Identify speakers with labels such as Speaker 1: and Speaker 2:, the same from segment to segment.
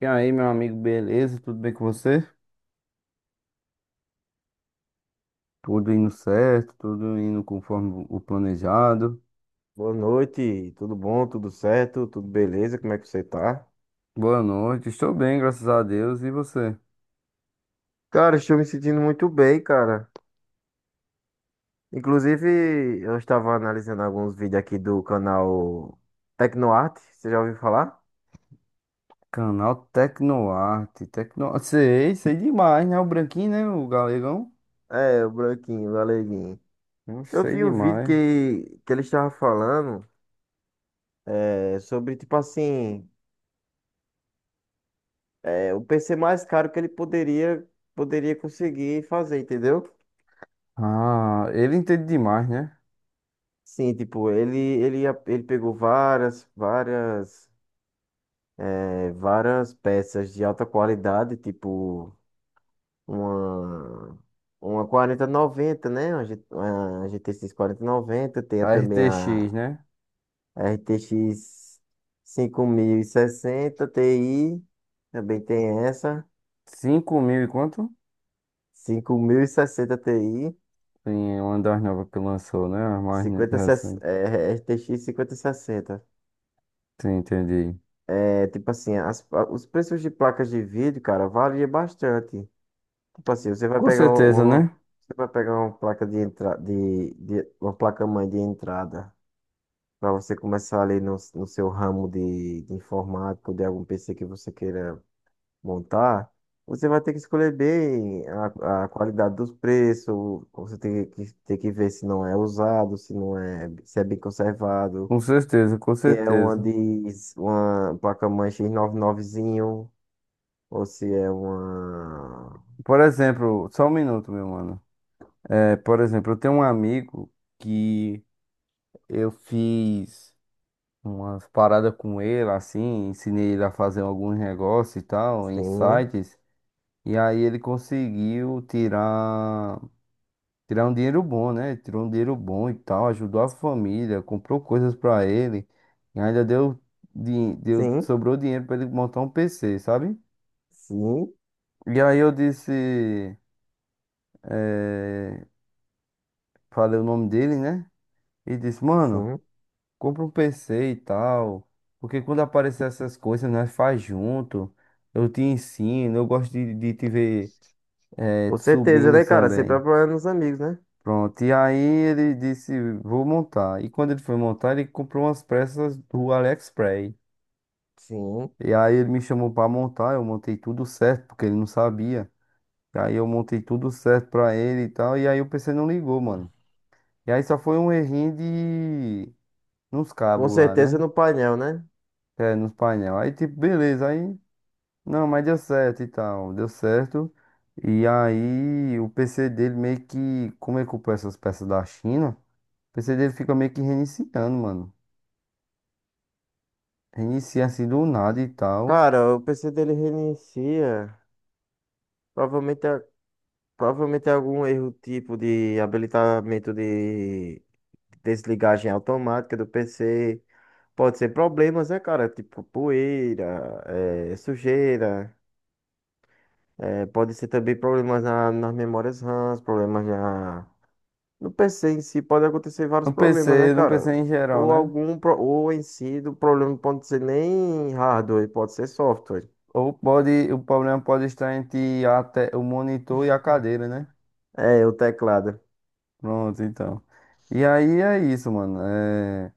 Speaker 1: E aí, meu amigo, beleza? Tudo bem com você? Tudo indo certo, tudo indo conforme o planejado.
Speaker 2: Boa noite, tudo bom, tudo certo, tudo beleza, como é que você tá?
Speaker 1: Boa noite, estou bem, graças a Deus. E você?
Speaker 2: Cara, estou me sentindo muito bem, cara. Inclusive, eu estava analisando alguns vídeos aqui do canal Tecnoarte, você já ouviu falar?
Speaker 1: Canal Tecnoarte, Tecno... Sei, sei demais, né? O branquinho, né? O galegão.
Speaker 2: É, o Branquinho, o Aleguinho. Eu
Speaker 1: Sei
Speaker 2: vi um vídeo
Speaker 1: demais.
Speaker 2: que ele estava falando sobre, tipo assim, o PC mais caro que ele poderia conseguir fazer, entendeu?
Speaker 1: Ah, ele entende demais, né?
Speaker 2: Sim, tipo, ele pegou várias. Várias peças de alta qualidade, tipo uma, uma quarenta e noventa, né? Uma GTX noventa. Tem
Speaker 1: A
Speaker 2: também
Speaker 1: RTX,
Speaker 2: a
Speaker 1: né?
Speaker 2: r t x cinco mil, RTX 5060 Ti, também tem essa,
Speaker 1: 5000 e quanto?
Speaker 2: 5060 Ti.
Speaker 1: Sim, é uma das novas que lançou, né? A mais
Speaker 2: 50,
Speaker 1: recente.
Speaker 2: é, RTX sessenta.
Speaker 1: Sim, entendi.
Speaker 2: É, tipo assim, os preços de placas de vídeo, cara, varia bastante. Tipo assim,
Speaker 1: Com certeza, né?
Speaker 2: você vai pegar uma placa de entrada, uma placa-mãe de entrada, para você começar ali no, no seu ramo de informática ou de algum PC que você queira montar, você vai ter que escolher bem a qualidade dos preços, você tem tem que ver se não é usado, se não é, se é bem conservado,
Speaker 1: Com certeza, com
Speaker 2: se é uma
Speaker 1: certeza.
Speaker 2: de uma placa-mãe X99zinho, ou se é uma...
Speaker 1: Por exemplo, só um minuto, meu mano. É, por exemplo, eu tenho um amigo que eu fiz umas paradas com ele, assim, ensinei ele a fazer alguns negócios e tal, em
Speaker 2: Sim,
Speaker 1: sites, e aí ele conseguiu tirar um dinheiro bom, né? Tirou um dinheiro bom e tal, ajudou a família, comprou coisas pra ele, e ainda deu,
Speaker 2: sim.
Speaker 1: sobrou dinheiro pra ele montar um PC, sabe?
Speaker 2: Sim.
Speaker 1: E aí eu disse, eh, falei o nome dele, né? E disse, mano,
Speaker 2: Sim.
Speaker 1: compra um PC e tal. Porque quando aparecer essas coisas, nós faz junto. Eu te ensino, eu gosto de te ver,
Speaker 2: Com certeza, né,
Speaker 1: subindo
Speaker 2: cara? Sempre
Speaker 1: também.
Speaker 2: apoiando os amigos, né?
Speaker 1: Pronto. E aí ele disse, vou montar. E quando ele foi montar, ele comprou umas peças do AliExpress.
Speaker 2: Sim.
Speaker 1: E aí ele me chamou pra montar, eu montei tudo certo, porque ele não sabia. E aí eu montei tudo certo pra ele e tal. E aí o PC não ligou, mano. E aí só foi um errinho de nos
Speaker 2: Com
Speaker 1: cabos lá,
Speaker 2: certeza,
Speaker 1: né?
Speaker 2: no painel, né?
Speaker 1: É, nos painel. Aí, tipo, beleza, aí. Não, mas deu certo e tal. Deu certo. E aí, o PC dele meio que. Como ele comprou essas peças da China, o PC dele fica meio que reiniciando, mano. Reinicia assim do nada e tal.
Speaker 2: Cara, o PC dele reinicia. Provavelmente é, provavelmente é algum erro tipo de habilitamento de desligagem automática do PC. Pode ser problemas, né, cara? Tipo poeira, sujeira. Pode ser também problemas nas memórias RAM, problemas na, no PC em si. Pode acontecer vários
Speaker 1: No
Speaker 2: problemas, né,
Speaker 1: PC, no
Speaker 2: cara?
Speaker 1: PC em geral,
Speaker 2: Ou
Speaker 1: né?
Speaker 2: algum, ou em si, do problema não pode ser nem hardware, pode ser software.
Speaker 1: Ou pode. O problema pode estar entre o monitor e a cadeira, né?
Speaker 2: É, o teclado.
Speaker 1: Pronto, então. E aí é isso, mano. É,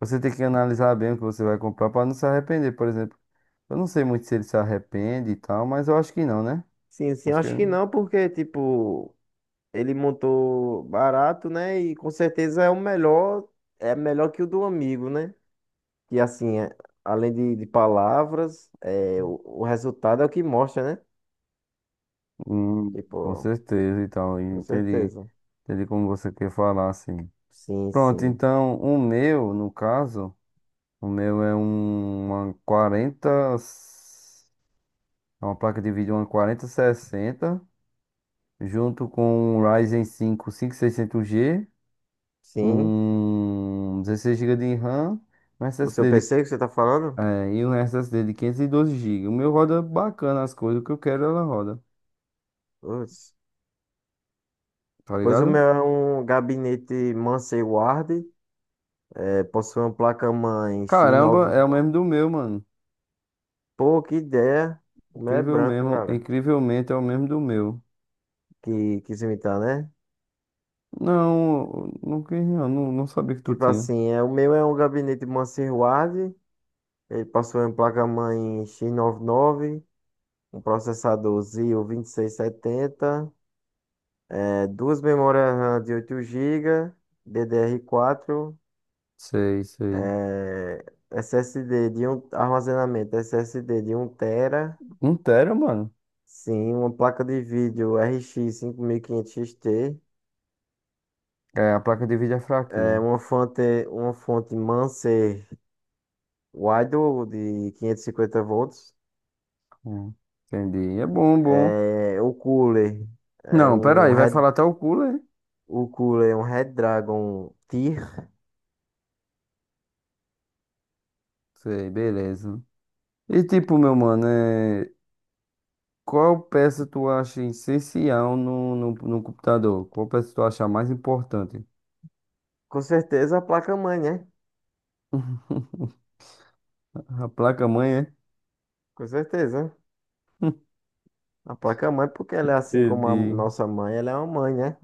Speaker 1: você tem que analisar bem o que você vai comprar pra não se arrepender, por exemplo. Eu não sei muito se ele se arrepende e tal, mas eu acho que não, né?
Speaker 2: Sim, sim,
Speaker 1: Acho que
Speaker 2: acho que
Speaker 1: ele-
Speaker 2: não, porque, tipo, ele montou barato, né? E com certeza é o melhor, é melhor que o do amigo, né? E assim, é, além de palavras, é, o resultado é o que mostra, né?
Speaker 1: Hum, com
Speaker 2: Tipo,
Speaker 1: certeza então, e tal.
Speaker 2: com
Speaker 1: Entendi,
Speaker 2: certeza.
Speaker 1: entendi como você quer falar, assim.
Speaker 2: Sim,
Speaker 1: Pronto,
Speaker 2: sim.
Speaker 1: então o meu, no caso, o meu é um, uma 40, é uma placa de vídeo, uma quarenta sessenta, junto com um Ryzen 5 5600G,
Speaker 2: Sim.
Speaker 1: um 16 gigas de RAM, um
Speaker 2: O seu
Speaker 1: SSD de,
Speaker 2: PC que você tá falando?
Speaker 1: e um SSD de 512 gigas. O meu roda bacana as coisas, o que eu quero ela roda.
Speaker 2: Putz.
Speaker 1: Tá
Speaker 2: Pois o meu
Speaker 1: ligado?
Speaker 2: é um gabinete Mansell Ward, é, possui uma placa-mãe
Speaker 1: Caramba, é o
Speaker 2: X99.
Speaker 1: mesmo do meu, mano.
Speaker 2: Pô, que ideia. O meu é
Speaker 1: Incrível
Speaker 2: branco,
Speaker 1: mesmo,
Speaker 2: cara.
Speaker 1: incrivelmente é o mesmo do meu.
Speaker 2: Que quis imitar, né?
Speaker 1: Não, não, quis, não, não sabia que tu
Speaker 2: Tipo
Speaker 1: tinha.
Speaker 2: assim, é, o meu é um gabinete Mansell Ward, ele possui uma placa-mãe X99, um processador Zio 2670, é, duas memórias RAM de 8 GB, DDR4,
Speaker 1: Sei, sei.
Speaker 2: é, SSD de um armazenamento SSD de um tera.
Speaker 1: Um tera, mano.
Speaker 2: Sim, uma placa de vídeo RX 5500 XT,
Speaker 1: É, a placa de vídeo é
Speaker 2: é
Speaker 1: fraquinha.
Speaker 2: uma fonte Manser Waidel de 550 volts,
Speaker 1: Hum, entendi. É bom, bom.
Speaker 2: é, é
Speaker 1: Não, pera
Speaker 2: um
Speaker 1: aí, vai
Speaker 2: Red,
Speaker 1: falar até o cooler?
Speaker 2: o cooler é um Red Dragon tier.
Speaker 1: Sei, beleza. E tipo, meu mano, qual peça tu acha essencial no computador? Qual peça tu acha mais importante?
Speaker 2: Com certeza a placa-mãe, né?
Speaker 1: A placa-mãe, é?
Speaker 2: Com certeza. A placa-mãe, porque ela é assim como a
Speaker 1: Entendi.
Speaker 2: nossa mãe, ela é uma mãe, né?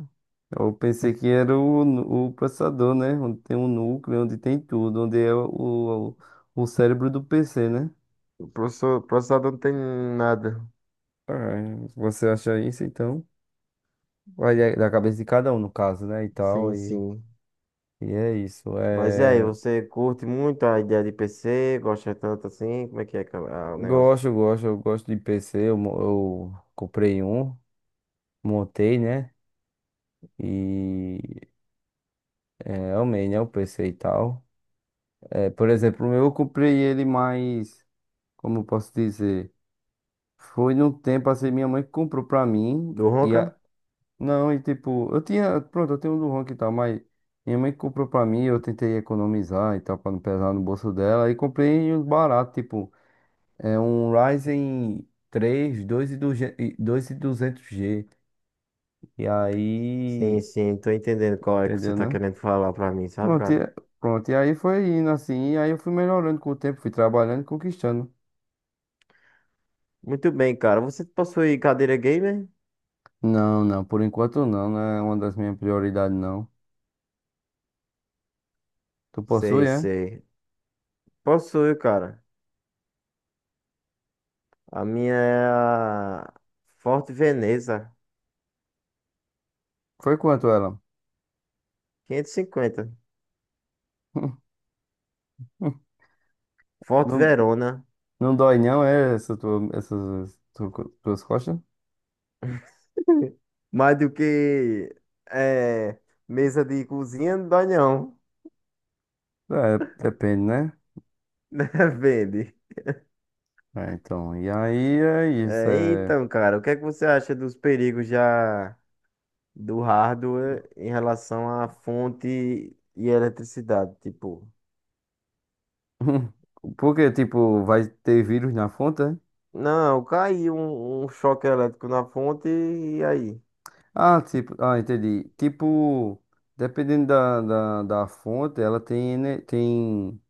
Speaker 1: Eu pensei que era o processador, né? Onde tem um núcleo, onde tem tudo, onde é o cérebro do PC, né?
Speaker 2: O processador, processador não tem nada.
Speaker 1: Ah, você acha isso, então? Vai da cabeça de cada um, no caso, né? E tal,
Speaker 2: Sim,
Speaker 1: e,
Speaker 2: sim.
Speaker 1: e é isso.
Speaker 2: Mas e aí, você curte muito a ideia de PC? Gosta tanto assim? Como é que é que é o negócio?
Speaker 1: Gosto, gosto, eu gosto de PC. Eu comprei um, montei, né? E amei, né? O PC e tal. É, por exemplo, o meu eu comprei ele mais, como eu posso dizer? Foi num tempo assim, minha mãe comprou pra mim.
Speaker 2: Do Ronca?
Speaker 1: Não, e tipo, eu tinha, pronto, eu tenho um do Ronk e tal, mas minha mãe comprou pra mim, eu tentei economizar e tal, pra não pesar no bolso dela, e comprei uns baratos, tipo, é um Ryzen 3, 2200G, e dois e duzentos G, e
Speaker 2: Sim,
Speaker 1: aí,
Speaker 2: sim, tô entendendo qual é que você
Speaker 1: entendeu,
Speaker 2: tá
Speaker 1: né?
Speaker 2: querendo falar pra mim, sabe,
Speaker 1: Pronto,
Speaker 2: cara?
Speaker 1: e, pronto, e aí foi indo assim, e aí eu fui melhorando com o tempo, fui trabalhando e conquistando.
Speaker 2: Muito bem, cara. Você possui cadeira gamer?
Speaker 1: Não, não, por enquanto não, não é uma das minhas prioridades, não. Tu possui,
Speaker 2: Sei,
Speaker 1: é?
Speaker 2: sei. Possui, cara. A minha é a Forte Veneza
Speaker 1: Foi quanto ela?
Speaker 2: 550. Forte
Speaker 1: Não,
Speaker 2: Verona.
Speaker 1: não dói não, é essa tua, essas tuas costas?
Speaker 2: Mais do que é, mesa de cozinha, não dói não.
Speaker 1: É, depende, né?
Speaker 2: Né? Vende.
Speaker 1: É, então, e aí é isso,
Speaker 2: É,
Speaker 1: é...
Speaker 2: então, cara, o que é que você acha dos perigos já do hardware em relação à fonte e eletricidade? Tipo,
Speaker 1: Porque, tipo, vai ter vírus na fonte? É?
Speaker 2: não, caiu um, um choque elétrico na fonte e aí?
Speaker 1: Ah, tipo, entendi. Tipo, dependendo da fonte, ela tem, né, tem,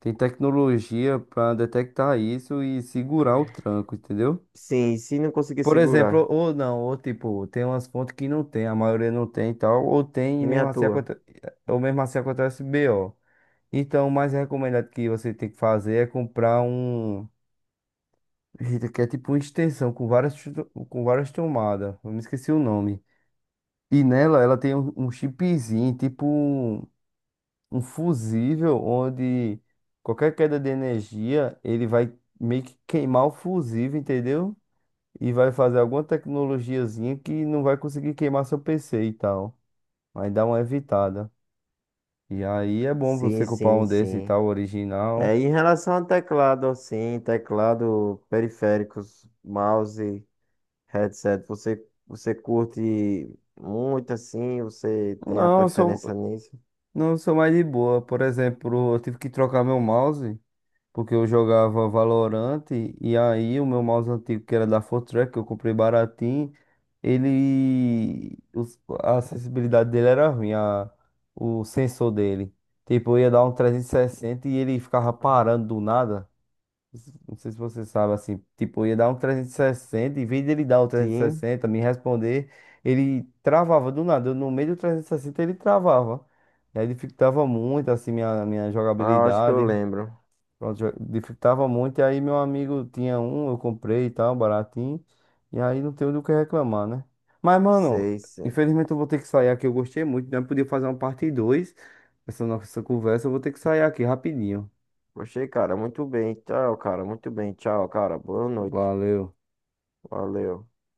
Speaker 1: tem tecnologia pra detectar isso e segurar o tranco, entendeu?
Speaker 2: Sim, se não conseguir
Speaker 1: Por exemplo,
Speaker 2: segurar,
Speaker 1: ou não, ou tipo, tem umas fontes que não tem, a maioria não tem e tal, ou tem e
Speaker 2: que nem
Speaker 1: mesmo
Speaker 2: a
Speaker 1: assim,
Speaker 2: tua.
Speaker 1: ou mesmo assim acontece BO. Então, o mais recomendado que você tem que fazer é comprar um. Eita, que é tipo uma extensão com com várias tomadas, eu me esqueci o nome. E nela, ela tem um chipzinho, tipo um fusível, onde qualquer queda de energia, ele vai meio que queimar o fusível, entendeu? E vai fazer alguma tecnologiazinha que não vai conseguir queimar seu PC e tal. Aí dá uma evitada. E aí é bom
Speaker 2: Sim,
Speaker 1: você comprar
Speaker 2: sim,
Speaker 1: um desse e
Speaker 2: sim.
Speaker 1: tal,
Speaker 2: É,
Speaker 1: original.
Speaker 2: em relação ao teclado, assim, teclado, periféricos, mouse, headset, você, você curte muito assim, você tem a
Speaker 1: Não,
Speaker 2: preferência nisso?
Speaker 1: não sou mais de boa. Por exemplo, eu tive que trocar meu mouse, porque eu jogava Valorant, e aí o meu mouse antigo, que era da Fortrack, que eu comprei baratinho, ele, a acessibilidade dele era ruim, o sensor dele. Tipo, eu ia dar um 360 e ele ficava parando do nada. Não sei se você sabe, assim, tipo, ia dar um 360, em vez dele dar o
Speaker 2: Sim.
Speaker 1: 360, me responder, ele travava do nada, eu no meio do 360 ele travava. E aí dificultava muito, assim, minha
Speaker 2: Ah, eu acho que eu
Speaker 1: jogabilidade,
Speaker 2: lembro.
Speaker 1: pronto, dificultava muito, e aí meu amigo tinha um, eu comprei e tal, baratinho, e aí não tenho do que reclamar, né? Mas, mano,
Speaker 2: Sei, sim.
Speaker 1: infelizmente eu vou ter que sair aqui, eu gostei muito, né? Podia fazer uma parte 2 dessa nossa conversa, eu vou ter que sair aqui rapidinho.
Speaker 2: Poxa, cara, muito bem. Tchau, cara. Muito bem. Tchau, cara. Boa noite.
Speaker 1: Valeu.
Speaker 2: Valeu.